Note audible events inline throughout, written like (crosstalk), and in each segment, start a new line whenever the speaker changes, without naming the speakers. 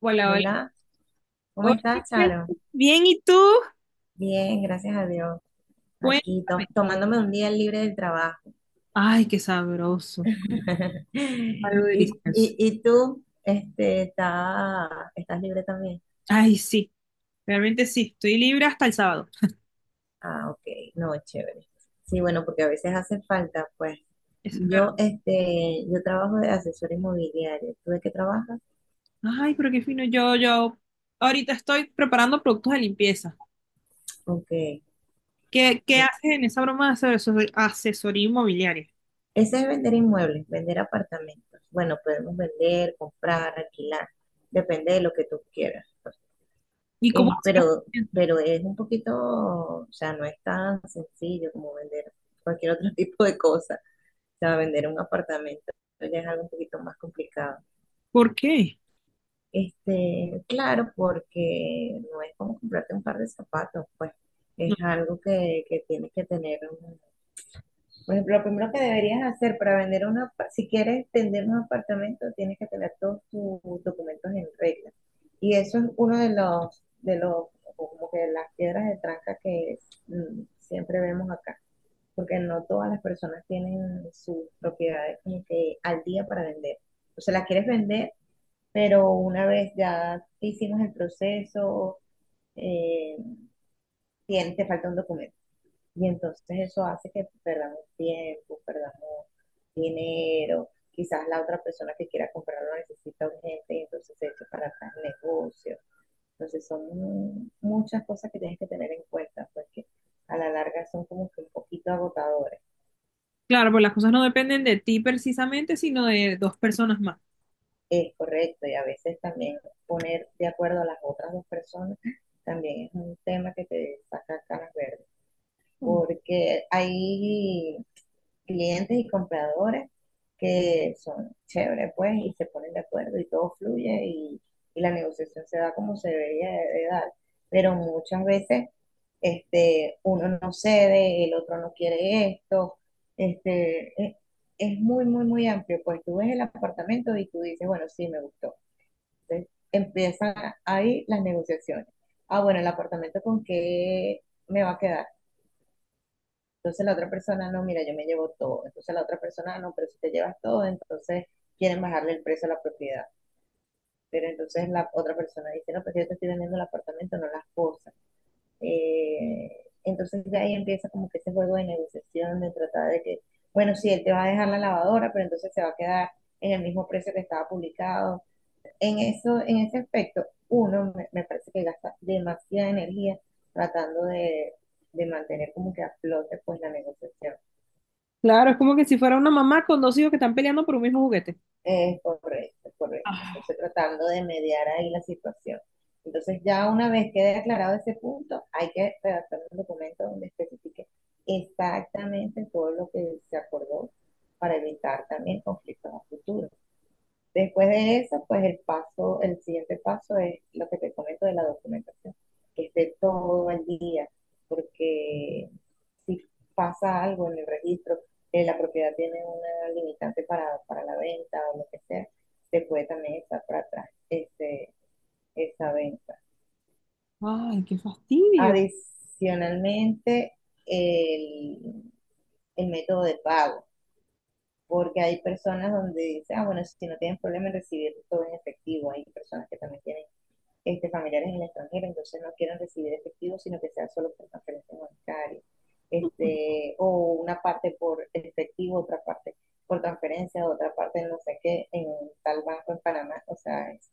Hola, hola.
Hola, ¿cómo
Hola,
estás, Charo?
Crespo. Bien, ¿y tú?
Bien, gracias a Dios. Aquí
Cuéntame.
tomándome un día libre del trabajo.
Ay, qué sabroso.
(laughs) ¿Y,
Algo
y,
delicioso.
y tú, estás libre también?
Ay, sí, realmente sí. Estoy libre hasta el sábado.
Ah, ok, no, chévere. Sí, bueno, porque a veces hace falta, pues.
Eso es verdad.
Yo trabajo de asesor inmobiliario. ¿Tú de qué trabajas?
Ay, pero qué fino. Yo ahorita estoy preparando productos de limpieza.
Ok,
¿Qué
bueno.
haces en esa broma de asesoría inmobiliaria?
Ese es vender inmuebles, vender apartamentos. Bueno, podemos vender, comprar, alquilar, depende de lo que tú quieras, pues.
¿Y cómo
Es,
consigues
pero,
clientes?
pero es un poquito, o sea, no es tan sencillo como vender cualquier otro (laughs) tipo de cosa. O sea, vender un apartamento ya es algo un poquito más complicado.
¿Por qué?
Claro, porque no es como comprarte un par de zapatos, pues
No.
es algo que tienes que tener, por ejemplo, lo primero que deberías hacer para vender si quieres vender un apartamento, tienes que tener todos tus documentos en regla. Y eso es uno de los, como que las piedras de tranca que siempre vemos acá, porque no todas las personas tienen sus propiedades como que al día para vender. O sea, las quieres vender, pero una vez ya hicimos el proceso, eh, te falta un documento. Y entonces eso hace que perdamos tiempo, perdamos dinero. Quizás la otra persona que quiera comprarlo necesita urgente y entonces se echa para atrás el negocio. Entonces son muchas cosas que tienes que tener en cuenta porque a la larga son como que un poquito agotadores.
Claro, pues las cosas no dependen de ti precisamente, sino de dos personas más.
Es correcto y a veces también poner de acuerdo a las otras dos personas también es un tema que te saca canas verdes porque hay clientes y compradores que son chéveres, pues, y se ponen de acuerdo y todo fluye y la negociación se da como se debería de dar. Pero muchas veces uno no cede, el otro no quiere esto, este, es, es muy, muy, muy amplio. Pues tú ves el apartamento y tú dices, bueno, sí, me gustó. Entonces empiezan ahí las negociaciones. Ah, bueno, el apartamento con qué me va a quedar. Entonces la otra persona, no, mira, yo me llevo todo. Entonces la otra persona, no, pero si te llevas todo, entonces quieren bajarle el precio a la propiedad. Pero entonces la otra persona dice, no, pues yo te estoy vendiendo el apartamento, no las cosas. Eh, entonces de ahí empieza como que ese juego de negociación, de tratar de que, bueno, sí, él te va a dejar la lavadora, pero entonces se va a quedar en el mismo precio que estaba publicado. En eso, en ese aspecto, uno me parece que gasta demasiada energía tratando de mantener como que a flote pues la negociación.
Claro, es como que si fuera una mamá con dos hijos que están peleando por un mismo juguete.
Es correcto, es correcto. Entonces tratando de mediar ahí la situación. Entonces ya una vez quede aclarado ese punto, hay que redactar un documento donde especifique exactamente todo lo que se acordó para evitar también conflictos a futuro. Después de eso, pues el paso, el siguiente paso es lo que te comento de la documentación, que esté todo al día, porque si pasa algo en el registro, la propiedad tiene una limitante para, la venta o lo que sea, se puede también estar para atrás esa venta.
Ay, qué fastidio.
Adicionalmente, el, el método de pago porque hay personas donde dicen, ah, bueno, si no tienen problema en recibir todo en efectivo, hay personas que también tienen familiares en el extranjero, entonces no quieran recibir efectivo, sino que sea solo por transferencia bancaria, o una parte por efectivo, otra parte por transferencia, otra parte no sé qué, en tal banco en Panamá, o sea, es,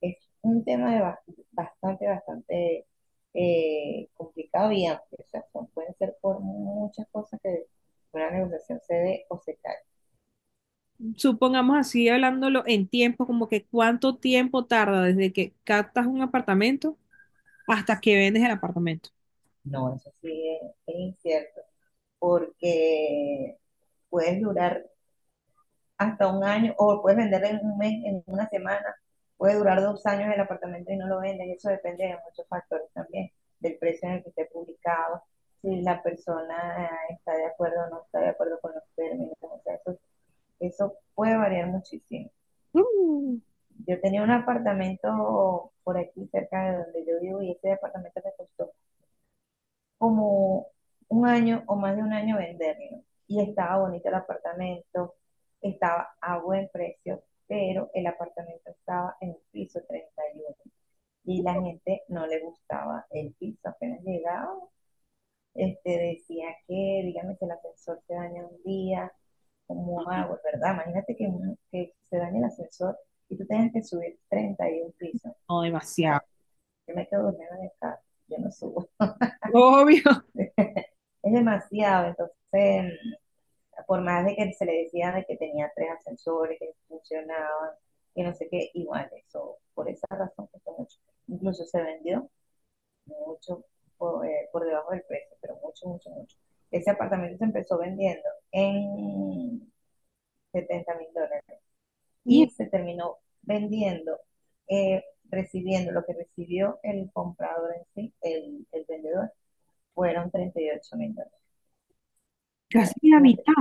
es un tema bastante complicado y amplio, o sea, pueden ser por muchas cosas que una negociación se dé o se cae.
Supongamos así, hablándolo en tiempo, como que cuánto tiempo tarda desde que captas un apartamento hasta que vendes el apartamento.
No, eso sí es incierto, porque puedes durar hasta un año, o puedes venderlo en un mes, en una semana, puede durar 2 años el apartamento y no lo vendes, eso depende de muchos factores también, del precio en el que esté publicado, si la persona está de acuerdo o no está de acuerdo con los términos, o sea, eso puede variar muchísimo.
Mm,
Yo tenía un apartamento por aquí cerca de donde yo vivo y ese apartamento me costó como un año o más de un año venderlo. Y estaba bonito el apartamento, estaba a buen precio, pero el apartamento estaba en el piso 31 y la gente no le gustaba el piso. Apenas llegaba, decía dígame que el ascensor se daña un día, ¿cómo hago? ¿Verdad? Imagínate que se dañe el ascensor y tú tengas que subir 31 pisos. O
no, demasiado.
sea, yo me quedo durmiendo en el carro, yo no subo.
Obvio. (laughs)
Es demasiado, entonces por más de que se le decía de que tenía tres ascensores, que funcionaban, que no sé qué, igual eso, por esa razón costó mucho. Incluso se vendió mucho por debajo del precio, pero mucho, mucho, mucho. Ese apartamento se empezó vendiendo en $70.000
Mier-
y se terminó vendiendo, eh, recibiendo lo que recibió el comprador en sí, el vendedor, fueron $38.000.
casi la
Fíjate,
mitad.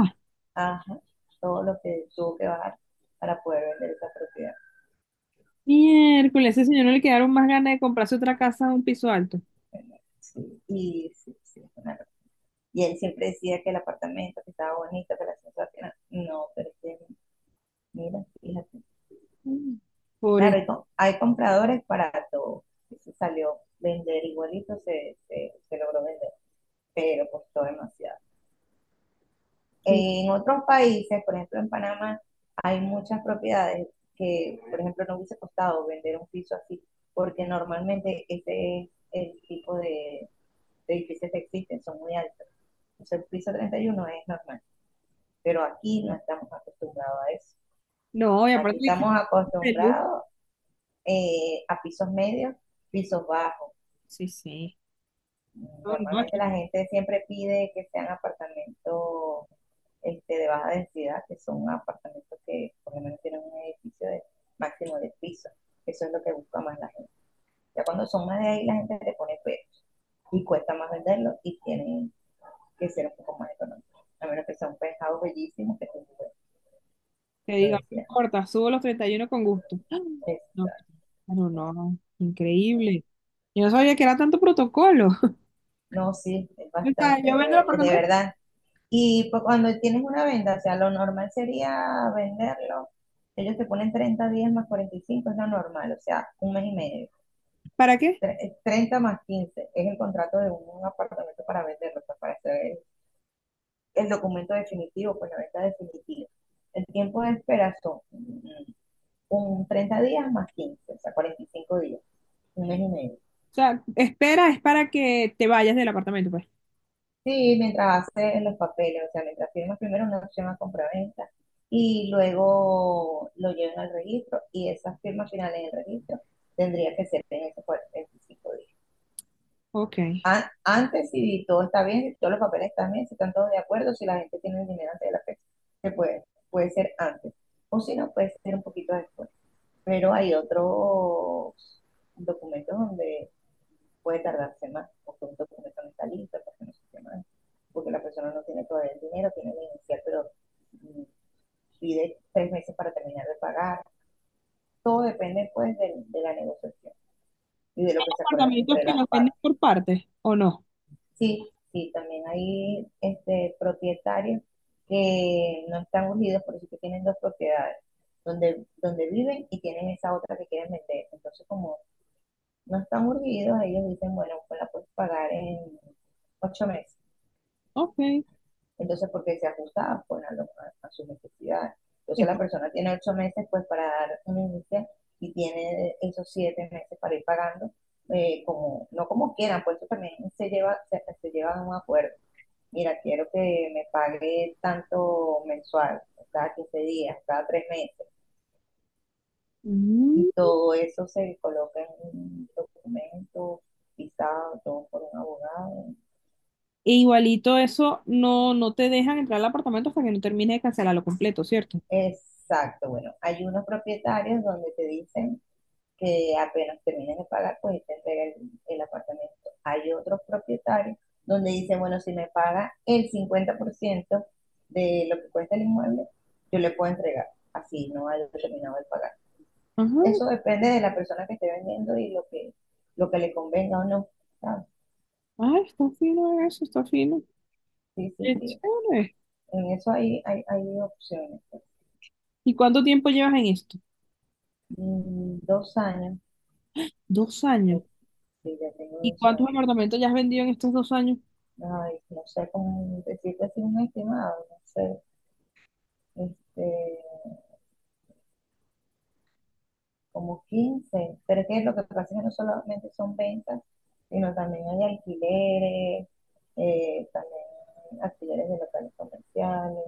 ajá, todo lo que tuvo que bajar para poder vender esa propiedad.
Miércoles, a ese señor no le quedaron más ganas de comprarse otra casa a un piso alto.
Bueno, sí, sí, sí, es una locura. Y él siempre decía que el apartamento que estaba bonito, que la sensación, no, pero es que, mira, fíjate.
Mm, por
Claro,
eso.
hay compradores para todo. Y se salió vender igualito, se logró vender, pero costó demasiado.
que-
En otros países, por ejemplo en Panamá, hay muchas propiedades que, por ejemplo, no hubiese costado vender un piso así, porque normalmente ese es el tipo de edificios que existen, son muy altos. Entonces el piso 31 es normal, pero aquí no estamos acostumbrados a eso.
No, y aparte
Aquí
dice,
estamos
de luz.
acostumbrados a pisos medios, pisos bajos.
Sí, sí. No, no.
Normalmente la gente siempre pide que sean apartamentos de baja densidad, que son apartamentos que por lo menos tienen un edificio de máximo de piso. Eso es lo que busca más la gente. Ya cuando son más de ahí, la gente le pone pesos y cuesta más venderlos y tienen que ser un poco más económicos. A menos que sean pescados bellísimos que
Que
lo
diga, no
decías.
importa, subo los 31 con gusto. ¡Ah! No, pero no, increíble. Yo no sabía que era tanto protocolo. (laughs)
No, sí, es
O sea,
bastante,
yo vendo el
de
apartamento,
verdad. Y pues cuando tienes una venta, o sea, lo normal sería venderlo. Ellos te ponen 30 días más 45, es lo normal, o sea, un mes y medio.
¿para qué?
30 más 15 es el contrato de un apartamento para venderlo, o sea, para hacer el documento definitivo, pues la venta definitiva. El tiempo de espera son un 30 días más 15, o sea, 45 días, un mes y medio.
O sea, espera es para que te vayas del apartamento, pues.
Sí, mientras hace los papeles, o sea, mientras firma primero una opción a compraventa y luego lo llevan al registro y esas firmas finales en el registro tendría que ser en esos 45 días.
Ok.
Antes, si todo está bien, si todos los papeles están bien, si están todos de acuerdo, si la gente tiene el dinero antes de la fecha, se puede, puede ser antes. O si no, puede ser un poquito después. Pero hay otros documentos donde puede tardar semanas, los productos que no están listos, porque no se semanas, porque la persona no tiene todavía el dinero, tiene que iniciar, pero mm, pide 3 meses para terminar de pagar. Todo depende pues de la negociación y de lo que se acuerden
¿Apartamentos
entre
que
las
los venden
partes.
por partes o no?
Sí, sí, también hay propietarios que no están unidos, por eso que tienen dos propiedades, donde viven y tienen esa otra que quieren vender. Entonces, como no están urgidos, ellos dicen, bueno, pues la puedes pagar en 8 meses.
Ok.
Entonces, porque se ajusta pues, a sus necesidades. Entonces, la persona tiene 8 meses pues, para dar un inicio y tiene esos 7 meses para ir pagando, no como quieran, pues eso también se lleva, se lleva a un acuerdo. Mira, quiero que me pague tanto mensual, cada 15 días, cada 3 meses, y
Mm.
todo eso se coloca en un documento pisado, todo por un abogado.
E igualito eso, no, no te dejan entrar al apartamento hasta que no termine de cancelarlo completo, ¿cierto?
Exacto, bueno, hay unos propietarios donde te dicen que apenas termines de pagar, pues te entrega el apartamento. Hay otros propietarios donde dicen, bueno, si me paga el 50% de lo que cuesta el inmueble, yo le puedo entregar, así no haya terminado de pagar.
Ajá.
Eso depende de la persona que esté vendiendo y lo que le convenga o no. ¿Sabes?
Ah, está fino eso, está fino.
Sí,
Qué
sí, sí.
chévere.
En eso hay opciones.
¿Y cuánto tiempo llevas en esto?
Dos años,
2 años.
sí, ya tengo
¿Y
dos
cuántos
años.
apartamentos ya has vendido en estos 2 años?
Ay, no sé cómo decirte así un estimado, no sé, este, como 15 pero es que lo que pasa es que no solamente son ventas, sino también hay alquileres, también alquileres de locales comerciales.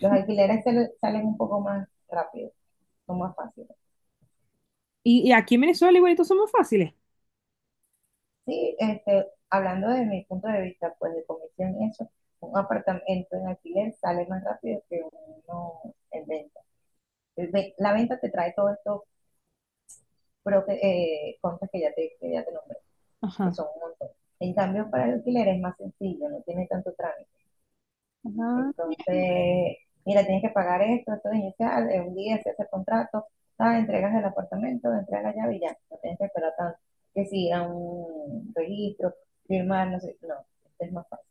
Los alquileres salen un poco más rápido, son más fáciles.
Y aquí en Venezuela igualitos somos fáciles.
Sí, hablando de mi punto de vista, pues de comisión eso, un apartamento en alquiler sale más rápido que uno en venta. La venta te trae todos estos contras que ya te nombré. Que
Ajá.
son un montón. En cambio, para el alquiler es más sencillo, no tiene tanto trámite.
Ajá.
Entonces, mira, tienes que pagar esto, esto de inicial, en un día se hace el contrato, tal, entregas el apartamento, entregas la llave y ya, no tienes que esperar tanto. Que si ir a un registro, firmar, no sé, no, este es más fácil.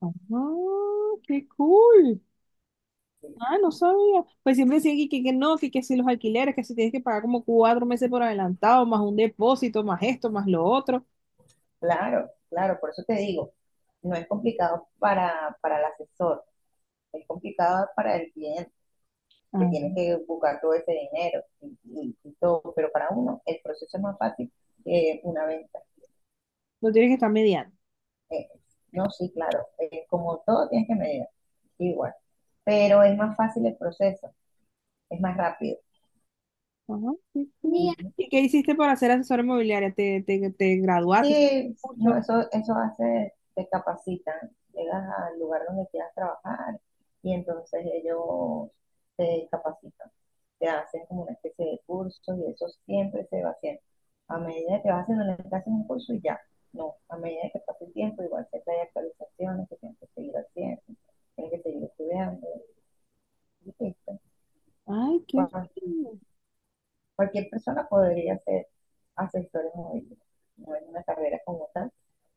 Ajá. Qué cool. Ah, no sabía. Pues siempre decían que no, que si los alquileres, que si tienes que pagar como 4 meses por adelantado, más un depósito, más esto, más lo otro.
Claro, claro, por eso te digo, no es complicado para, el asesor, es complicado para el cliente que
Ah,
tienes que buscar todo ese dinero y todo, pero para uno el proceso es más fácil que una venta.
lo tienes que estar mediando.
Eh, no, sí, claro, como todo tienes que medir, igual, pero es más fácil el proceso, es más rápido.
Ajá. Qué cool.
Ujú.
¿Y qué hiciste para ser asesora inmobiliaria? ¿Te graduaste? ¿Hiciste
Sí,
un
no,
curso?
eso hace, te capacitan, llegas al lugar donde quieras trabajar y entonces ellos te capacitan, te hacen como una especie de curso y eso siempre se va haciendo. A medida que vas haciendo, le hacen un curso y ya, no, a medida que pasa el tiempo, igual siempre hay actualizaciones que tienes que seguir haciendo, tienes que seguir estudiando, y listo.
Ay, qué fino.
Cualquier persona podría ser asesor inmobiliario, no es una carrera como tal,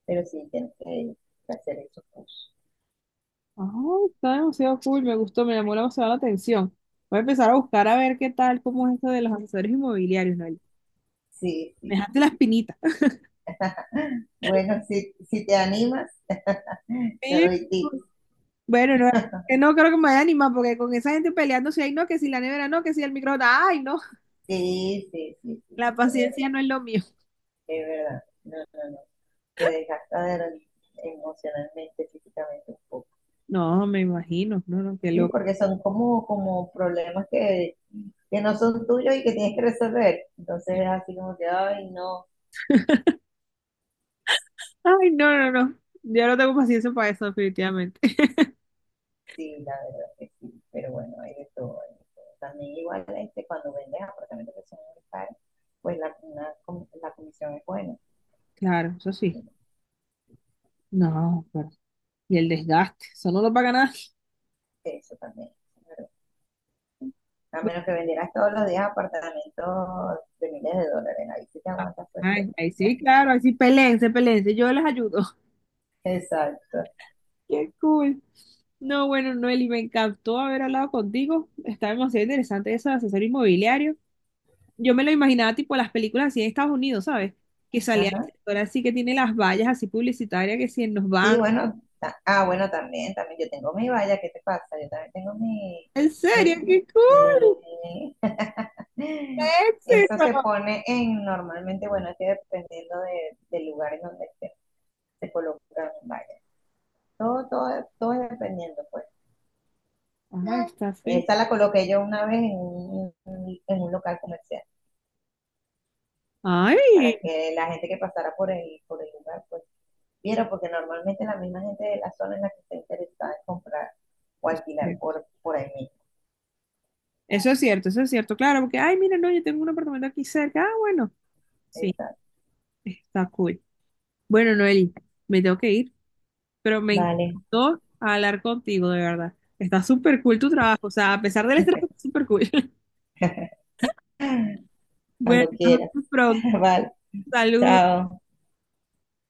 pero sí tienes que hacer esos cursos.
Ah, está demasiado cool, me gustó, me llamó demasiado la atención. Voy a empezar a buscar a ver qué tal, cómo es esto de los asesores inmobiliarios, Noel.
Sí,
Me
sí,
dejaste
sí.
la espinita.
Bueno, si te animas, te
Sí,
doy tips.
bueno, no, que no creo que me vaya a animar, porque con esa gente peleando, si hay no, que si la nevera no, que si el microondas, ay, no,
Sí, sí, sí, sí,
la
sí, es verdad,
paciencia no es lo mío.
es verdad. No, no, no. Te desgasta emocionalmente, físicamente un poco.
No, me imagino, no, no, qué
Sí,
loco.
porque son como problemas que no son tuyos y que tienes que resolver. Entonces es así como que, ay, no.
Ay, no, no, no, yo no tengo paciencia para eso, definitivamente. (laughs)
Sí, la verdad que sí, pero bueno, hay de todo. Hay de todo. También igual cuando vendes apartamentos que son muy caros, pues la comisión es buena.
Claro, eso sí. No, pero, y el desgaste, eso no lo paga nada.
Eso también. Claro. A menos que vendieras todos los días apartamentos de miles de dólares, ahí sí te aguantas pues.
Ay,
(laughs)
ahí sí, claro, ahí sí, peleense, peleense, yo les ayudo.
Exacto.
Qué cool. No, bueno, Noeli, me encantó haber hablado contigo. Está demasiado interesante eso de asesor inmobiliario. Yo me lo imaginaba tipo las películas así en Estados Unidos, ¿sabes? Que salía el
Ajá.
sector así que tiene las vallas así publicitarias que si nos
Sí,
van.
bueno, también, también yo tengo mi valla, ¿qué te pasa? Yo también tengo mi,
¿En serio?
mi,
¡Qué cool!
sí,
¡Qué
Eso se
éxito!
pone en, normalmente, bueno, es que dependiendo del lugar en donde se colocan vallas. Todo, todo, todo es dependiendo, pues.
Ah, está así.
Esa la coloqué yo una vez en un local comercial, para
¡Ay!
que la gente que pasara por el lugar, pues, viera, porque normalmente la misma gente de la zona en la que está interesada en comprar o alquilar por ahí mismo.
Eso es cierto, claro, porque, ay, mira, no, yo tengo un apartamento aquí cerca. Ah, bueno, sí,
Exacto.
está cool. Bueno, Noeli, me tengo que ir, pero me
Vale,
encantó hablar contigo, de verdad. Está súper cool tu trabajo, o sea, a pesar del estrés, está súper cool. (laughs)
(laughs)
Bueno,
cuando
nos
quieras.
vemos pronto.
(laughs) Vale,
Saludos.
chao.